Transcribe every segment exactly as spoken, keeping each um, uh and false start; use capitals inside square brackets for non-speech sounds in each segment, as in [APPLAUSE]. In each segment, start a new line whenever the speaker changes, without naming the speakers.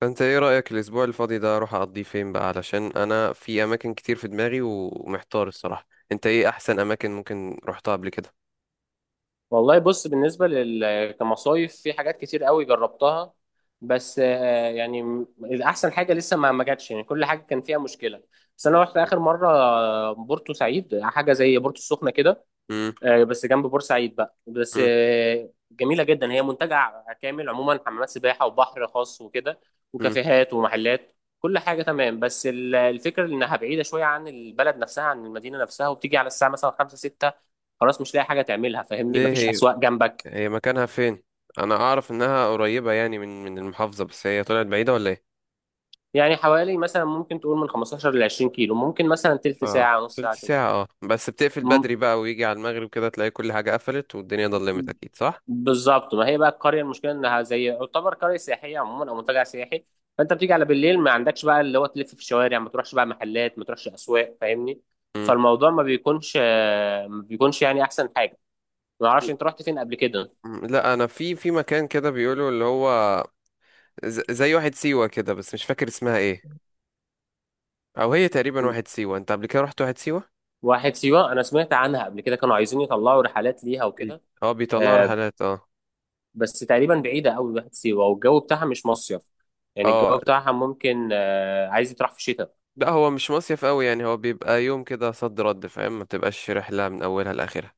فانت ايه رأيك الاسبوع الفاضي ده اروح اقضيه فين بقى؟ علشان انا في اماكن كتير في دماغي ومحتار الصراحة. انت ايه احسن اماكن ممكن رحتها قبل كده؟
والله بص بالنسبة لل كمصايف في حاجات كتير قوي جربتها. بس آه، يعني م- أحسن حاجة لسه ما ما جاتش، يعني كل حاجة كان فيها مشكلة. بس أنا رحت آخر مرة آه، بورتو سعيد، حاجة زي بورتو السخنة كده.
مم.
آه، بس جنب بورسعيد بقى. بس
مم.
آه، جميلة جدا، هي منتجع كامل عموما، حمامات سباحة وبحر خاص وكده
مم.
وكافيهات ومحلات، كل حاجة تمام. بس ال- الفكرة إنها بعيدة شوية عن البلد نفسها، عن المدينة نفسها، وبتيجي على الساعة مثلا خمسة ستة، خلاص مش لاقي حاجة تعملها. فاهمني؟
ليه؟
مفيش
هي
أسواق جنبك.
هي مكانها فين؟ انا اعرف انها قريبة يعني من من المحافظة، بس هي طلعت بعيدة ولا ايه؟
يعني حوالي مثلا، ممكن تقول من خمسة عشر ل 20 كيلو، ممكن مثلا تلت
اه،
ساعة نص
تلت
ساعة
ساعة. اه بس بتقفل
كده.
بدري بقى، ويجي على المغرب كده تلاقي كل حاجة قفلت والدنيا ضلمت، اكيد صح.
بالظبط، ما هي بقى القريه المشكله انها زي، يعتبر قريه سياحيه عموما او منتجع سياحي. فانت بتيجي على بالليل، ما عندكش بقى اللي هو تلف في الشوارع، ما تروحش بقى محلات، ما تروحش اسواق. فاهمني؟
مم.
فالموضوع ما بيكونش آه، ما بيكونش يعني احسن حاجه. ما اعرفش انت رحت فين قبل كده.
مم. لا انا في في مكان كده بيقولوا اللي هو ز- زي واحد سيوة كده، بس مش فاكر اسمها ايه. او هي تقريبا
م.
واحد سيوه. انت قبل كده رحت واحد سيوه؟
واحد سيوه انا سمعت عنها قبل كده، كانوا عايزين يطلعوا رحلات ليها
بي-
وكده.
اه بيطلعوا
آه،
رحلات، اه.
بس تقريبا بعيده قوي واحد سيوه، والجو بتاعها مش مصيف. يعني
اه،
الجو بتاعها ممكن آه، عايز يتراح في الشتاء.
لا هو مش مصيف قوي، يعني هو بيبقى يوم كده صد رد، فاهم؟ ما تبقاش رحله من اولها لاخرها.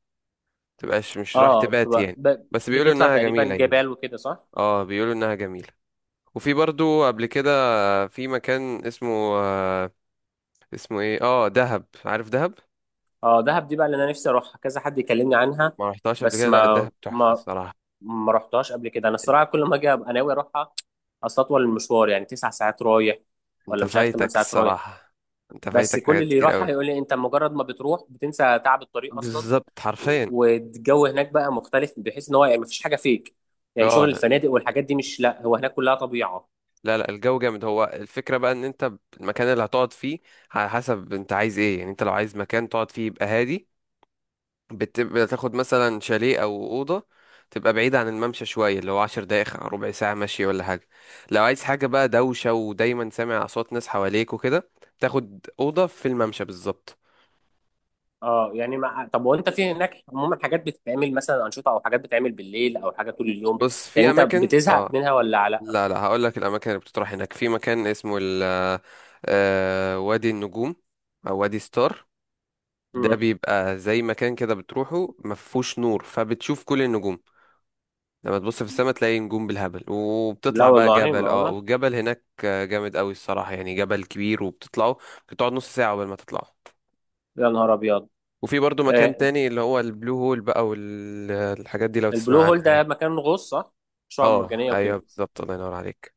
تبقاش مش رايح
اه
تبات
بتبقى-
يعني.
ب-
بس بيقولوا
بتطلع
انها
تقريبا
جميله يعني.
جبال وكده، صح.
اه بيقولوا انها جميله. وفي برضو قبل كده في مكان اسمه آه اسمه ايه؟ اه دهب، عارف دهب؟
اه دهب دي بقى اللي انا نفسي اروحها، كذا حد يكلمني عنها.
ما رحتهاش قبل
بس
كده؟ لا
ما
دهب تحفه
ما
الصراحه.
ما رحتهاش قبل كده. انا
إن-
الصراحه كل ما اجي ابقى ناوي اروحها. اصل اطول المشوار يعني تسع ساعات رايح،
انت
ولا مش عارف ثمان
فايتك
ساعات رايح.
الصراحه، انت
بس
فايتك
كل
حاجات
اللي
كتير قوي.
يروحها يقول لي انت مجرد ما بتروح بتنسى تعب الطريق اصلا.
بالظبط
و-
حرفيا.
والجو هناك بقى مختلف، بحيث ان هو يعني مفيش حاجه فيك، يعني
اه
شغل
يعني.
الفنادق والحاجات دي مش، لا هو هناك كلها طبيعه.
لا لا الجو جامد. هو الفكرة بقى ان انت المكان اللي هتقعد فيه على حسب انت عايز ايه، يعني انت لو عايز مكان تقعد فيه يبقى هادي، بتبقى تاخد مثلا شاليه او اوضة تبقى بعيدة عن الممشى شوية، اللي هو عشر دقايق ربع ساعة مشي ولا حاجة. لو عايز حاجة بقى دوشة ودايما سامع اصوات ناس حواليك وكده، تاخد اوضة في الممشى بالظبط.
اه يعني، ما طب وانت في هناك عموما حاجات بتتعمل، مثلا انشطه او حاجات بتتعمل بالليل او حاجه طول اليوم؟
بص
يعني
في
انت
اماكن
بتزهق
اه.
منها ولا لا؟
لا لا هقول لك الاماكن اللي بتطرح هناك، في مكان اسمه ال آه، آه، وادي النجوم او وادي ستار. ده
مم.
بيبقى زي مكان كده بتروحه مفهوش نور، فبتشوف كل النجوم. لما تبص في السماء تلاقي نجوم بالهبل.
لا
وبتطلع بقى
والله،
جبل، اه،
معقولة.
والجبل هناك جامد قوي الصراحة، يعني جبل كبير وبتطلعه، بتقعد نص ساعة قبل ما تطلعه.
يا نهار أبيض.
وفي برضو مكان
آه،
تاني اللي هو البلو هول بقى، والحاجات دي لو
البلو
تسمع عنها
هول ده
يعني.
مكان غوص، صح؟ شعاب
اه
مرجانية
ايوه
وكده.
بالظبط الله ينور عليك.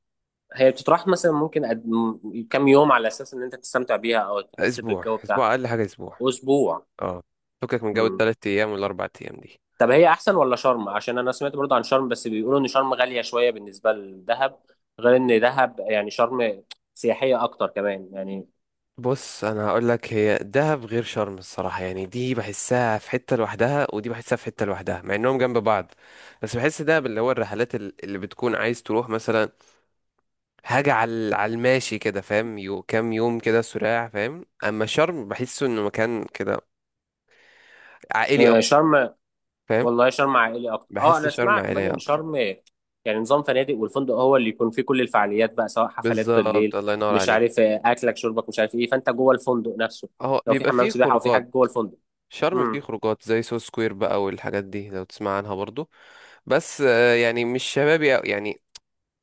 هي بتطرح مثلا ممكن قد... م- كام يوم على أساس إن أنت تستمتع بيها أو تحس
اسبوع،
بالجو بتاعها؟
اسبوع اقل حاجة اسبوع.
أسبوع.
اه، فكك من جو
مم.
التلات ايام والاربع ايام دي.
طب هي أحسن ولا شرم؟ عشان أنا سمعت برضه عن شرم، بس بيقولوا إن شرم غالية شوية بالنسبة لدهب. غير إن دهب يعني، شرم سياحية أكتر كمان يعني.
بص انا هقول لك، هي دهب غير شرم الصراحه، يعني دي بحسها في حته لوحدها ودي بحسها في حته لوحدها، مع انهم جنب بعض. بس بحس دهب اللي هو الرحلات ال- اللي بتكون عايز تروح مثلا حاجه على على الماشي كده، فاهم؟ يو كام يوم كده سراع، فاهم؟ اما شرم بحسه انه مكان كده عائلي
آه،
اكتر.
شرم.
فاهم؟
والله شرم عائلي اكتر، اه
بحس
انا
شرم
اسمع كمان
عائليه
ان
اكتر.
شرم، يعني نظام فنادق، والفندق هو اللي يكون فيه كل الفعاليات بقى، سواء حفلات
بالظبط
بالليل،
الله ينور
مش
عليك.
عارف آه، اكلك شربك مش عارف ايه، فانت جوه الفندق نفسه،
اهو
لو في
بيبقى
حمام
فيه
سباحه او في حاجه
خروجات.
جوه الفندق.
شرم فيه
امم.
خروجات زي سو سكوير بقى، والحاجات دي لو تسمع عنها برضو. بس آه، يعني مش شبابي أوي، يعني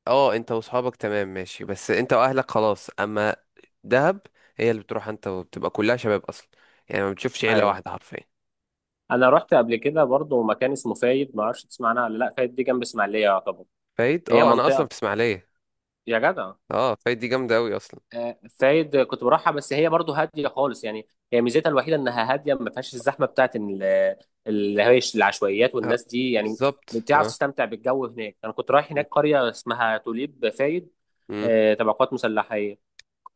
اه انت وصحابك تمام ماشي، بس انت واهلك خلاص. اما دهب، هي اللي بتروح انت وبتبقى كلها شباب اصلا، يعني ما بتشوفش عيله
ايوه
واحده حرفيا.
انا رحت قبل كده برضه مكان اسمه فايد، ما اعرفش تسمع عنها ولا لا. فايد دي جنب اسماعيليه يعتبر،
فايد؟
هي
اه انا اصلا
منطقه.
في اسماعيليه.
يا جدع.
اه فايد دي جامده قوي اصلا.
آه، فايد كنت بروحها، بس هي برضو هاديه خالص. يعني هي ميزتها الوحيده انها هاديه، ما فيهاش الزحمه بتاعت ال- اللي هي العشوائيات
اه
والناس دي يعني.
بالظبط
بتعرف
اه.
تستمتع بالجو هناك. انا كنت رايح
م-
هناك قريه اسمها توليب فايد،
م-
آه، تبع قوات مسلحه،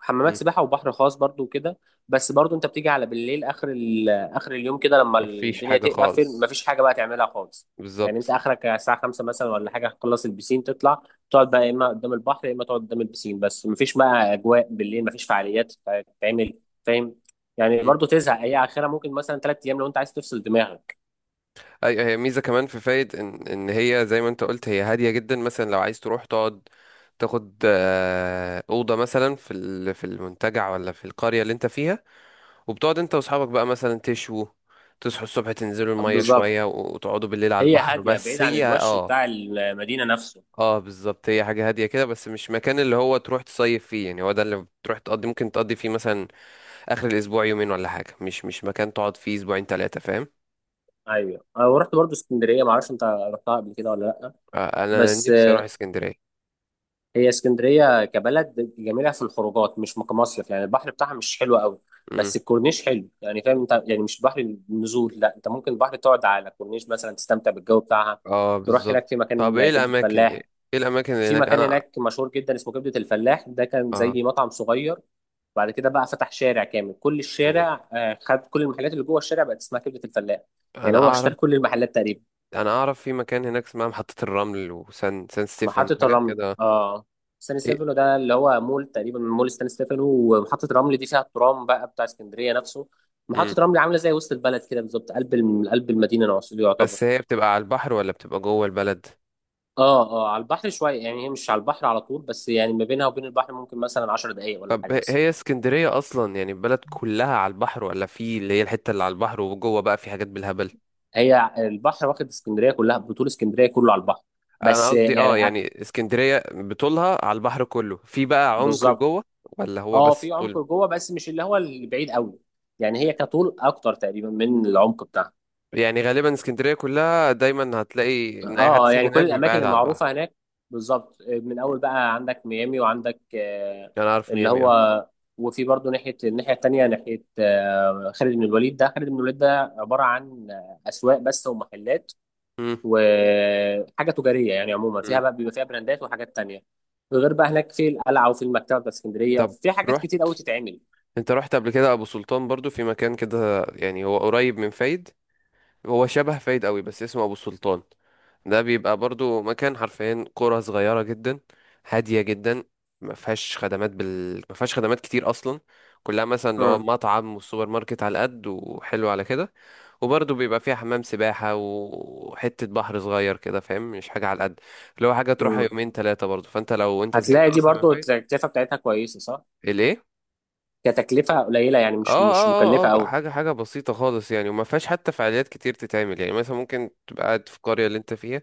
حمامات
م.
سباحه وبحر خاص برضو وكده. بس برضو انت بتيجي على بالليل، اخر ال... اخر اليوم كده، لما
مفيش
الدنيا
حاجه
تقفل
خالص.
مفيش حاجه بقى تعملها خالص. يعني انت
بالظبط.
اخرك على الساعه خمسة مثلا ولا حاجه، تخلص البسين تطلع، تقعد بقى يا اما قدام البحر يا اما تقعد قدام البسين. بس مفيش بقى اجواء بالليل، مفيش فعاليات تتعمل. فاهم؟ يعني
م.
برضو تزهق. هي اخرها ممكن مثلا ثلاث ايام، لو انت عايز تفصل دماغك.
ايوه هي ميزه كمان في فايد ان ان هي زي ما انت قلت هي هاديه جدا، مثلا لو عايز تروح تقعد تاخد آه، اوضه مثلا في ال- في المنتجع ولا في القريه اللي انت فيها، وبتقعد انت واصحابك بقى مثلا تشوا تصحوا الصبح تنزلوا المية شوية
بالظبط.
وتقعدوا بالليل على
هي
البحر،
هاديه، بعيد
بس
عن
هي
الوش
اه.
بتاع المدينه نفسه.
اه بالظبط، هي حاجة هادية كده بس مش مكان اللي هو تروح تصيف فيه، يعني هو ده اللي بتروح تقضي ممكن تقضي فيه مثلا آخر الأسبوع يومين ولا حاجة، مش مش مكان تقعد فيه أسبوعين تلاتة، فاهم؟
ايوه انا رحت برضو اسكندريه، ما اعرفش انت رحتها قبل كده ولا لا.
آه أنا
بس
نفسي أروح اسكندرية.
هي اسكندرية كبلد جميلة في الخروجات، مش كمصيف. يعني البحر بتاعها مش حلو قوي،
مم.
بس الكورنيش حلو. يعني فاهم انت، يعني مش بحر النزول، لا انت ممكن البحر تقعد على الكورنيش مثلا، تستمتع بالجو بتاعها.
اه
تروح
بالظبط.
هناك في
طب
مكان
ايه
كبدة
الأماكن ايه
فلاح.
الأماكن اللي
في
هناك
مكان
أنا
هناك مشهور جدا اسمه كبدة الفلاح. ده كان
اه
زي مطعم صغير، بعد كده بقى فتح شارع كامل، كل الشارع آه، خد كل المحلات اللي جوه الشارع بقت اسمها كبدة الفلاح. يعني
أنا
هو اشترى
أعرف.
كل المحلات تقريبا.
أنا أعرف في مكان هناك اسمها محطة الرمل وسان سان ستيفن
محطة
حاجات
الرمل،
كده.
اه. ستاني ستيفانو ده اللي هو مول، تقريبا مول ستاني ستيفانو. ومحطة الرمل دي فيها الترام بقى بتاع اسكندرية نفسه. محطة
ايه
الرمل عاملة زي وسط البلد كده بالظبط، قلب الم- قلب المدينة نفسه يعتبر.
بس هي بتبقى على البحر ولا بتبقى جوه البلد؟
اه اه، على البحر شوية. يعني هي مش على البحر على طول، بس يعني ما بينها وبين البحر ممكن مثلا 10 دقايق ولا
طب
حاجة.
ه-
بس
هي اسكندرية أصلا يعني البلد كلها على البحر، ولا في اللي هي الحتة اللي على البحر وجوه بقى في حاجات بالهبل؟
هي البحر واخد اسكندرية كلها بطول، اسكندرية كله على البحر.
أنا
بس
قصدي اه
يعني آه،
يعني اسكندرية بطولها على البحر كله، في بقى عمق
بالظبط.
لجوه ولا هو
اه في
بس
عمق
طول؟
جوه، بس مش اللي هو البعيد قوي. يعني هي كطول اكتر تقريبا من العمق بتاعها.
يعني غالبا اسكندرية كلها دايما هتلاقي إن أي حد
اه
ساكن
يعني كل
هناك بيبقى
الاماكن
قاعد على البحر.
المعروفه هناك، بالظبط من اول بقى عندك ميامي وعندك آه،
أنا أعرف
اللي
ميامي اه.
هو، وفي برضه ناحيه الناحيه التانيه، ناحيه آه، خالد بن الوليد. ده خالد بن الوليد ده عباره عن آه، اسواق بس ومحلات
مم،
وحاجه تجاريه. يعني عموما فيها
مم.
بقى بيبقى فيها براندات وحاجات تانيه، غير بقى هناك في القلعه وفي المكتبه بتاعت اسكندريه،
طب
في حاجات كتير
رحت،
قوي تتعمل.
أنت رحت قبل كده أبو سلطان؟ برضو في مكان كده يعني هو قريب من فايد، هو شبه فايد قوي بس اسمه ابو السلطان. ده بيبقى برضو مكان حرفيا قرى صغيرة جدا، هادية جدا، ما فيهاش خدمات بال ما فيهاش خدمات كتير اصلا. كلها مثلا لو
مم.
مطعم وسوبر ماركت على قد وحلو على كده. وبرضه بيبقى فيها حمام سباحة وحتة بحر صغير كده، فاهم؟ مش حاجة على قد اللي هو حاجة تروحها
مم.
يومين ثلاثة برضه، فانت لو انت زهقت
هتلاقي دي
اصلا من
برضه
فايد.
التكلفه بتاعتها كويسه، صح؟
الايه؟
كتكلفه قليله، يعني
اه
مش مش
اه اه اه،
مكلفه
بقى
قوي.
حاجة حاجة بسيطة خالص يعني، وما فيهاش حتى فعاليات كتير تتعمل، يعني مثلا ممكن تبقى قاعد في القرية اللي انت فيها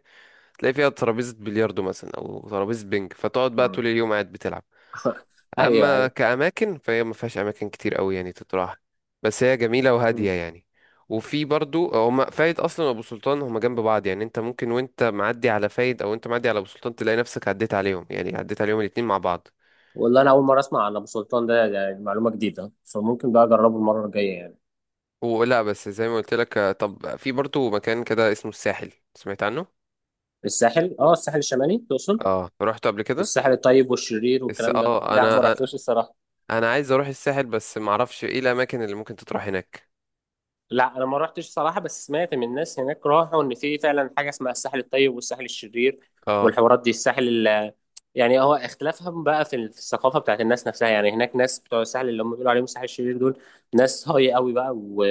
تلاقي فيها ترابيزة بلياردو مثلا أو ترابيزة بينج، فتقعد بقى طول اليوم قاعد بتلعب.
[LAUGHS] ايوه
أما
ايوه.
كأماكن فهي ما فيهاش أماكن كتير أوي يعني تتراح، بس هي جميلة وهادية
مم.
يعني. وفي برضو هما فايد أصلا وأبو سلطان هما جنب بعض، يعني أنت ممكن وأنت معدي على فايد أو أنت معدي على أبو سلطان تلاقي نفسك عديت عليهم، يعني عديت عليهم الاتنين مع بعض.
والله انا اول مره اسمع عن ابو سلطان ده، ده معلومه جديده، فممكن بقى اجربه المره الجايه يعني.
ولا بس زي ما قلت لك. آه، طب في برضو مكان كده اسمه الساحل، سمعت عنه؟
الساحل، اه الساحل الشمالي تقصد؟
اه رحت قبل كده؟
الساحل الطيب والشرير
بس
والكلام ده،
اه
لا ما
انا
رحتوش الصراحه.
انا عايز اروح الساحل، بس معرفش ايه الاماكن اللي ممكن تتراح هناك.
لا انا ما رحتش صراحه، بس سمعت من الناس هناك راحوا ان في فعلا حاجه اسمها الساحل الطيب والساحل الشرير
اه.
والحوارات دي. الساحل ال- يعني هو اختلافهم بقى في ال- في الثقافه بتاعت الناس نفسها. يعني هناك ناس بتوع الساحل، اللي هم بيقولوا عليهم الساحل الشرير، دول ناس هاي قوي بقى و...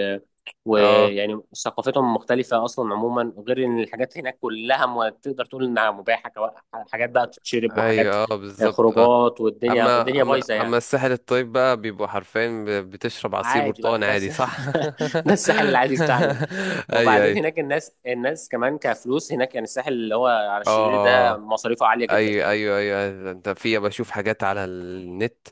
اه
ويعني ثقافتهم مختلفه اصلا عموما، غير ان الحاجات هناك كلها م... تقدر تقول انها مباحه، كوا- حاجات بقى تتشرب،
ايوه
وحاجات
اه
آه،
بالظبط اه.
خروجات، والدنيا
اما
الدنيا
اما
بايظه
اما
يعني.
الساحل الطيب بقى بيبقوا حرفيا ب- بتشرب عصير
عادي
برتقال
بقى، ده
عادي،
الس-
صح؟
[LAUGHS] ده الساحل العادي بتاعنا ده.
[LAUGHS] ايوه
وبعدين
ايوه.
هناك الناس الناس كمان كفلوس هناك، يعني الساحل اللي هو على الشرير ده
اه
مصاريفه عالية جدا
ايوه
يعني.
ايوه ايوه، انت في بشوف حاجات على النت،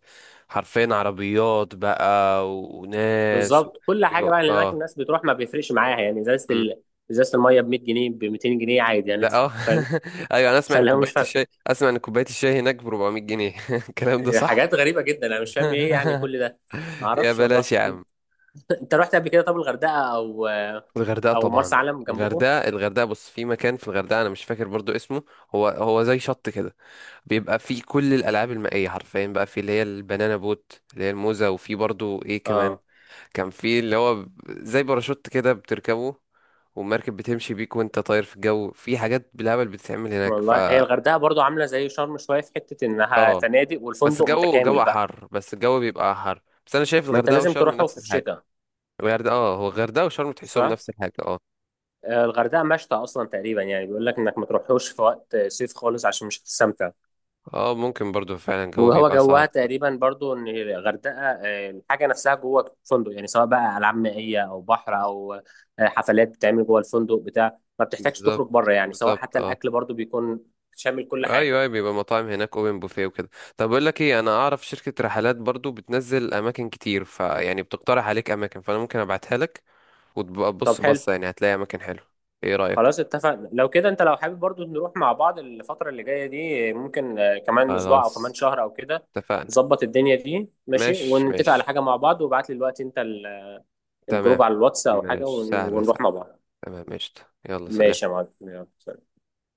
حرفيا عربيات بقى و- وناس و...
بالظبط، كل حاجة
بيبقوا-
بقى اللي هناك
اه.
الناس بتروح ما بيفرقش معاها يعني. ازازة
مم.
ال... ازازة المية ب مية جنيه، ب ميتين جنيه عادي، يعني
لا اه.
ادفع. فاهم؟
[LAUGHS] ايوه انا اسمع ان
فاللي هو مش
كوبايه
فارق.
الشاي، اسمع ان كوبايه الشاي هناك ب أربعمية جنيه. [LAUGHS] الكلام ده صح؟
حاجات غريبة جدا، انا مش فاهم ايه يعني
[LAUGHS]
كل ده. ما
يا
اعرفش
بلاش
والله.
يا
انت
عم.
[LAUGHS] انت رحت قبل كده طب الغردقة او
الغردقة
او مرسى
طبعا.
علم جنبكم؟
الغردقة الغردقة بص في مكان في الغردقة أنا مش فاكر برضو اسمه. هو هو زي شط كده، بيبقى فيه كل الألعاب المائية حرفيا، بقى فيه اللي هي البنانا بوت اللي هي الموزة، وفيه برضو إيه كمان،
اه
كان فيه اللي هو زي باراشوت كده بتركبه والمركب بتمشي بيك وأنت طاير في الجو، في حاجات بالهبل بتتعمل هناك ف...
والله هي الغردقه برضو عامله زي شرم شويه، في حته انها
اه،
فنادق،
بس
والفندق
الجو
متكامل
جو
بقى.
حر، بس الجو بيبقى حر، بس أنا شايف
ما انت
الغردقة
لازم
وشرم
تروحه
نفس
في
الحاجة.
شتاء،
الغردقة اه، هو الغردقة وشرم تحسهم
صح.
نفس الحاجة اه.
آه، الغردقه مشتى اصلا تقريبا، يعني بيقول لك انك ما تروحوش في وقت صيف خالص عشان مش هتستمتع.
اه ممكن برضو فعلا الجو
وهو
بيبقى
جوها
صعب.
تقريبا برضو، ان الغردقه آه، الحاجه نفسها جوه الفندق، يعني سواء بقى العاب مائيه او بحر او آه، حفلات بتتعمل جوه الفندق بتاع، ما بتحتاجش تخرج
بالظبط
بره، يعني سواء
بالظبط
حتى
اه.
الاكل برضو بيكون شامل كل
ايوه
حاجه.
ايوه بيبقى مطاعم هناك اوبن بوفيه وكده. طب اقول لك ايه، انا اعرف شركه رحلات برضو بتنزل اماكن كتير، فيعني بتقترح عليك اماكن، فانا ممكن ابعتها لك وتبقى
طب
تبص
حلو،
بصه، يعني هتلاقي اماكن حلوه. ايه رايك؟
خلاص اتفقنا. لو كده انت لو حابب برضو نروح مع بعض الفترة اللي جاية دي، ممكن آه، كمان اسبوع او كمان
خلاص
شهر او كده،
اتفقنا.
نظبط الدنيا دي. ماشي؟
ماشي
ونتفق على
ماشي.
حاجة مع بعض. وابعت لي دلوقتي انت ال-
تمام.
الجروب على الواتس او حاجة
ماشي
ون-
سهله
ونروح
سهله.
مع بعض.
تمام ماشي. يلا سلام.
ماشي يا معلم، يلا.